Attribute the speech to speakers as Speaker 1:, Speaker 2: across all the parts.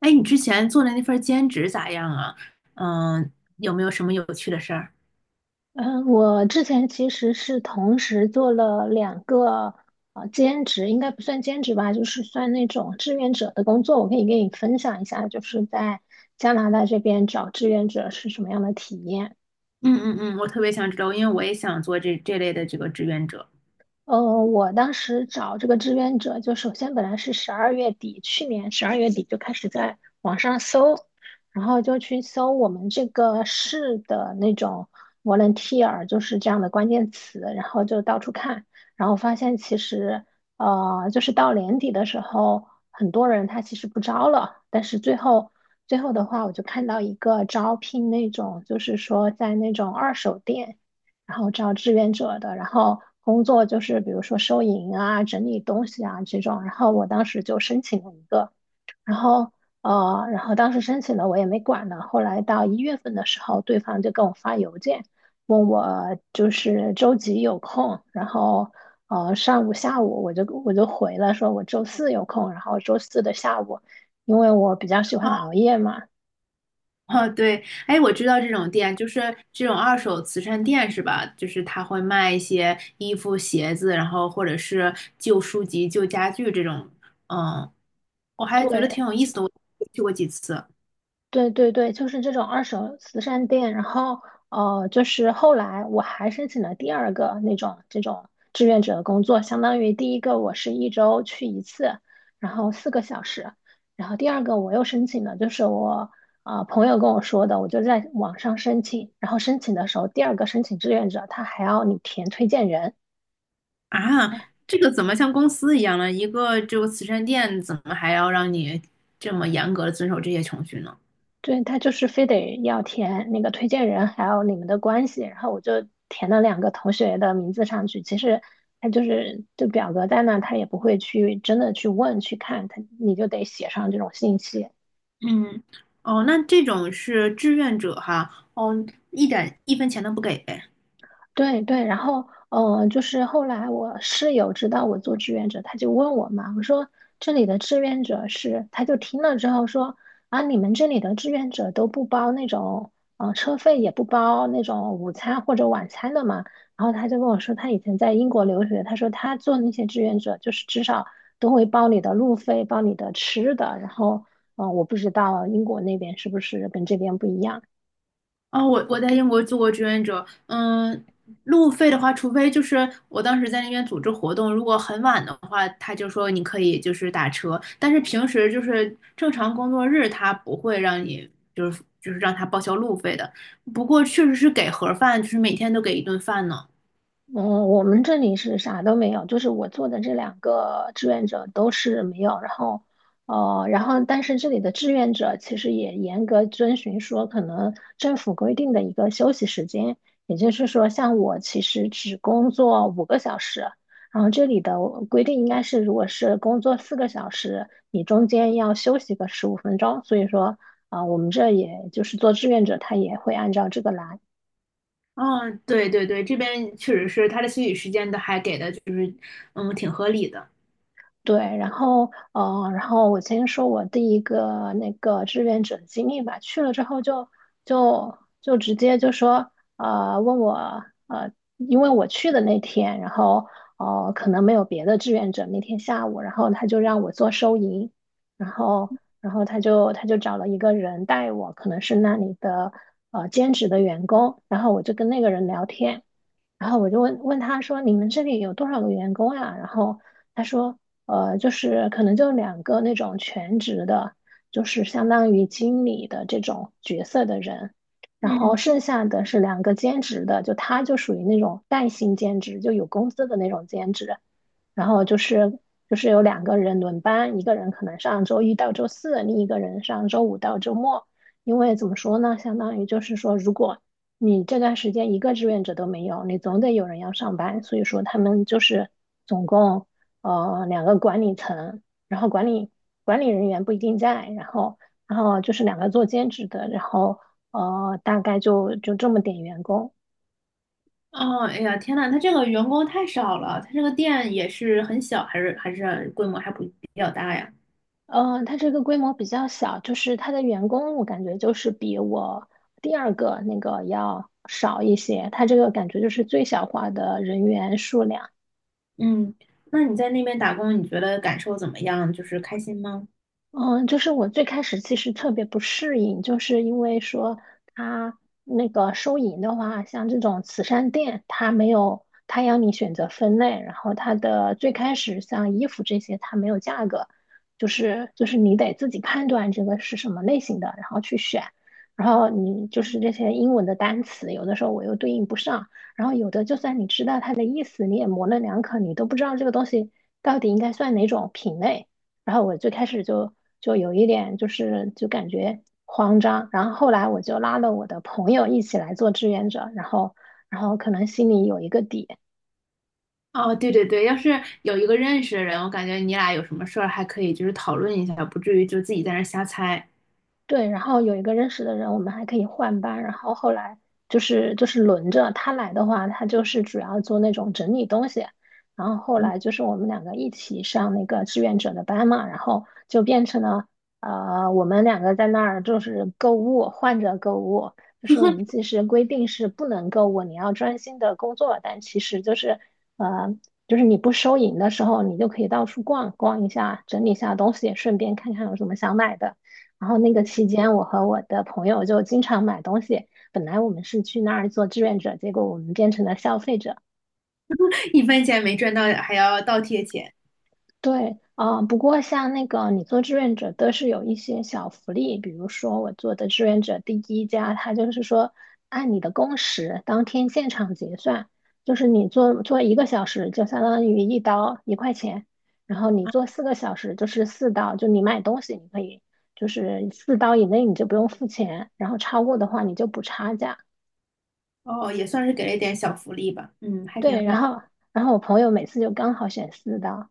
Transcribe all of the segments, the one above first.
Speaker 1: 哎，你之前做的那份兼职咋样啊？嗯，有没有什么有趣的事儿？
Speaker 2: 嗯，我之前其实是同时做了两个兼职，应该不算兼职吧，就是算那种志愿者的工作。我可以跟你分享一下，就是在加拿大这边找志愿者是什么样的体验。
Speaker 1: 嗯嗯嗯，我特别想知道，因为我也想做这类的这个志愿者。
Speaker 2: 呃，我当时找这个志愿者，就首先本来是十二月底，去年十二月底就开始在网上搜，然后就去搜我们这个市的那种 volunteer，就是这样的关键词，然后就到处看，然后发现其实，就是到年底的时候，很多人他其实不招了，但是最后的话，我就看到一个招聘那种，就是说在那种二手店。然后招志愿者的，然后工作就是比如说收银啊、整理东西啊这种。然后我当时就申请了一个，然后然后当时申请了我也没管呢。后来到1月份的时候，对方就跟我发邮件，问我就是周几有空，然后上午、下午我就回了，说我周四有空，然后周四的下午，因为我比较喜欢
Speaker 1: 哦，
Speaker 2: 熬夜嘛，
Speaker 1: 哦对，哎，我知道这种店就是这种二手慈善店是吧？就是他会卖一些衣服、鞋子，然后或者是旧书籍、旧家具这种。嗯，我还觉得
Speaker 2: 对。
Speaker 1: 挺有意思的，我去过几次。
Speaker 2: 对对对，就是这种二手慈善店。然后，就是后来我还申请了第二个那种这种志愿者的工作，相当于第一个我是一周去一次，然后四个小时。然后第二个我又申请了，就是我朋友跟我说的，我就在网上申请。然后申请的时候，第二个申请志愿者他还要你填推荐人，
Speaker 1: 啊，这个怎么像公司一样呢？一个就慈善店，怎么还要让你这么严格的遵守这些程序呢？
Speaker 2: 对，他就是非得要填那个推荐人，还有你们的关系，然后我就填了两个同学的名字上去。其实他就是这表格在那，他也不会去真的去问去看，他你就得写上这种信息。
Speaker 1: 嗯，哦，那这种是志愿者哈，哦，一点一分钱都不给。
Speaker 2: 对对，然后就是后来我室友知道我做志愿者，他就问我嘛，我说这里的志愿者是，他就听了之后说啊，你们这里的志愿者都不包那种车费，也不包那种午餐或者晚餐的嘛。然后他就跟我说，他以前在英国留学，他说他做那些志愿者，就是至少都会包你的路费，包你的吃的。然后我不知道英国那边是不是跟这边不一样。
Speaker 1: 哦，我在英国做过志愿者。嗯，路费的话，除非就是我当时在那边组织活动，如果很晚的话，他就说你可以就是打车，但是平时就是正常工作日，他不会让你就是让他报销路费的。不过确实是给盒饭，就是每天都给一顿饭呢。
Speaker 2: 嗯，我们这里是啥都没有，就是我做的这两个志愿者都是没有，然后但是这里的志愿者其实也严格遵循说可能政府规定的一个休息时间，也就是说，像我其实只工作5个小时，然后这里的规定应该是如果是工作四个小时，你中间要休息个15分钟，所以说，啊、我们这也就是做志愿者，他也会按照这个来。
Speaker 1: 嗯，对对对，这边确实是他的休息时间都还给的，就是嗯挺合理的。
Speaker 2: 对，然后我先说我第一个那个志愿者经历吧。去了之后就直接就说问我，因为我去的那天，然后可能没有别的志愿者那天下午，然后他就让我做收银，然后然后他就找了一个人带我，可能是那里的兼职的员工，然后我就跟那个人聊天。然后我就问问他说："你们这里有多少个员工啊？"然后他说："就是可能就两个那种全职的，就是相当于经理的这种角色的人，然后
Speaker 1: 嗯。
Speaker 2: 剩下的是两个兼职的，就他就属于那种带薪兼职，就有工资的那种兼职。然后就是有两个人轮班，一个人可能上周一到周四，另一个人上周五到周末。因为怎么说呢，相当于就是说，如果你这段时间一个志愿者都没有，你总得有人要上班，所以说他们就是总共两个管理层，然后管理人员不一定在，然后就是两个做兼职的，然后大概就这么点员工。
Speaker 1: 哦，哎呀，天呐，他这个员工太少了，他这个店也是很小，还是还是规模还不比较大呀？
Speaker 2: 嗯，它这个规模比较小，就是它的员工，我感觉就是比我第二个那个要少一些。它这个感觉就是最小化的人员数量。
Speaker 1: 嗯，那你在那边打工，你觉得感受怎么样？就是开心吗？
Speaker 2: 嗯，就是我最开始其实特别不适应，就是因为说他那个收银的话，像这种慈善店，他没有，他要你选择分类，然后它的最开始像衣服这些，它没有价格，就是你得自己判断这个是什么类型的，然后去选，然后你就是这些英文的单词，有的时候我又对应不上，然后有的就算你知道它的意思，你也模棱两可，你都不知道这个东西到底应该算哪种品类。然后我最开始就有一点就是就感觉慌张，然后后来我就拉了我的朋友一起来做志愿者，然后可能心里有一个底。
Speaker 1: 哦，对对对，要是有一个认识的人，我感觉你俩有什么事儿还可以就是讨论一下，不至于就自己在那儿瞎猜。
Speaker 2: 对，然后有一个认识的人，我们还可以换班。然后后来就是轮着他来的话，他就是主要做那种整理东西。然后后
Speaker 1: 嗯，
Speaker 2: 来就是我们两个一起上那个志愿者的班嘛，然后就变成了我们两个在那儿就是购物，换着购物。就是我们其实规定是不能购物，你要专心的工作，但其实呃，就是你不收银的时候，你就可以到处逛逛一下，整理一下东西，顺便看看有什么想买的。然后那个期间，我和我的朋友就经常买东西。本来我们是去那儿做志愿者，结果我们变成了消费者。
Speaker 1: 一分钱没赚到，还要倒贴钱。
Speaker 2: 对，啊，不过像那个你做志愿者都是有一些小福利，比如说我做的志愿者第一家，他就是说按你的工时当天现场结算，就是你做做1个小时就相当于一刀一块钱，然后你做四个小时就是四刀，就你买东西你可以就是四刀以内你就不用付钱，然后超过的话你就补差价。
Speaker 1: 哦，也算是给了一点小福利吧。嗯，还挺好。
Speaker 2: 对，然后我朋友每次就刚好选四刀。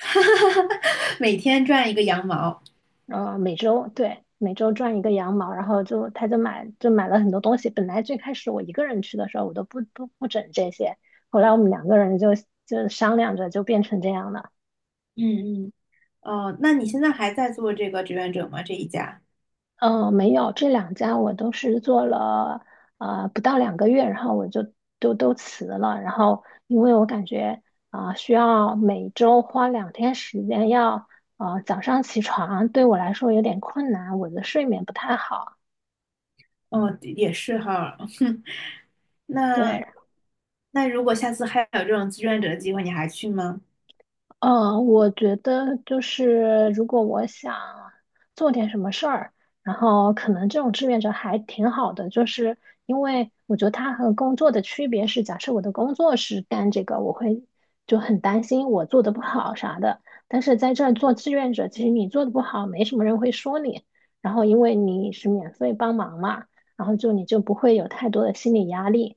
Speaker 1: 每天赚一个羊毛。
Speaker 2: 每周，对，每周赚一个羊毛，然后就他就买了很多东西。本来最开始我一个人去的时候，我都不整这些，后来我们两个人就商量着就变成这样了。
Speaker 1: 嗯嗯。哦，那你现在还在做这个志愿者吗？这一家？
Speaker 2: 没有，这两家我都是做了不到2个月，然后我就都辞了。然后因为我感觉需要每周花2天时间要啊早上起床，对我来说有点困难，我的睡眠不太好。
Speaker 1: 哦，也是哈。那
Speaker 2: 对，
Speaker 1: 那如果下次还有这种志愿者的机会，你还去吗？
Speaker 2: 嗯，我觉得就是如果我想做点什么事儿，然后可能这种志愿者还挺好的，就是因为我觉得它和工作的区别是，假设我的工作是干这个，我会就很担心我做的不好啥的。但是在这儿做志愿者，其实你做的不好，没什么人会说你，然后因为你是免费帮忙嘛，然后就你就不会有太多的心理压力。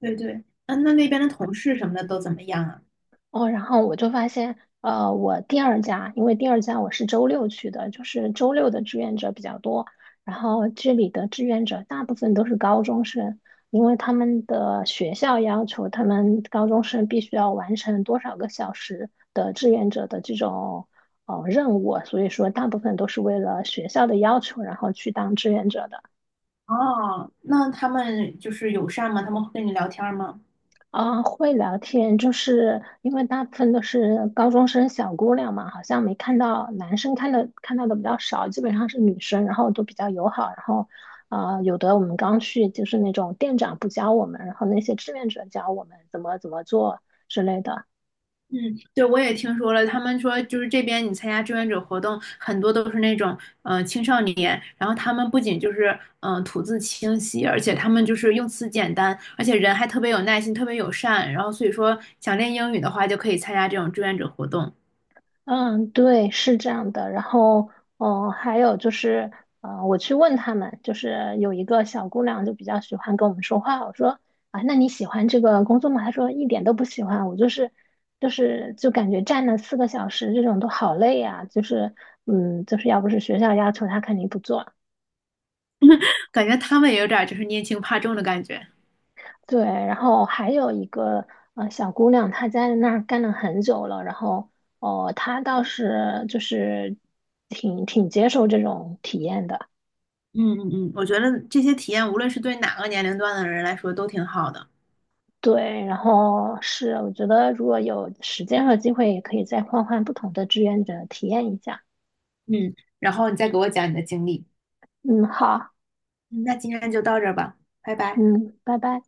Speaker 1: 对对，嗯，那那边的同事什么的都怎么样啊？
Speaker 2: 哦，然后我就发现，我第二家，因为第二家我是周六去的，就是周六的志愿者比较多。然后这里的志愿者大部分都是高中生，因为他们的学校要求他们高中生必须要完成多少个小时的志愿者的这种任务，所以说大部分都是为了学校的要求，然后去当志愿者的。
Speaker 1: 哦，那他们就是友善吗？他们会跟你聊天吗？
Speaker 2: 啊，会聊天，就是因为大部分都是高中生小姑娘嘛，好像没看到男生看到的比较少，基本上是女生，然后都比较友好，然后有的我们刚去就是那种店长不教我们，然后那些志愿者教我们怎么怎么做之类的。
Speaker 1: 嗯，对，我也听说了，他们说就是这边你参加志愿者活动，很多都是那种青少年，然后他们不仅就是吐字清晰，而且他们就是用词简单，而且人还特别有耐心，特别友善，然后所以说想练英语的话就可以参加这种志愿者活动。
Speaker 2: 嗯，对，是这样的。然后，还有就是，我去问他们，就是有一个小姑娘就比较喜欢跟我们说话。我说啊，那你喜欢这个工作吗？她说一点都不喜欢。我就是就感觉站了四个小时这种都好累呀、就是，就是要不是学校要求，她肯定不做。
Speaker 1: 感觉他们也有点儿就是拈轻怕重的感觉。
Speaker 2: 对，然后还有一个小姑娘，她在那儿干了很久了，然后哦，她倒是就是挺接受这种体验的。
Speaker 1: 嗯嗯嗯，我觉得这些体验无论是对哪个年龄段的人来说都挺好的。
Speaker 2: 对，然后是我觉得如果有时间和机会，也可以再换换不同的志愿者体验一下。
Speaker 1: 嗯，然后你再给我讲你的经历。
Speaker 2: 嗯，好，
Speaker 1: 嗯那今天就到这儿吧，拜拜。
Speaker 2: 嗯，拜拜。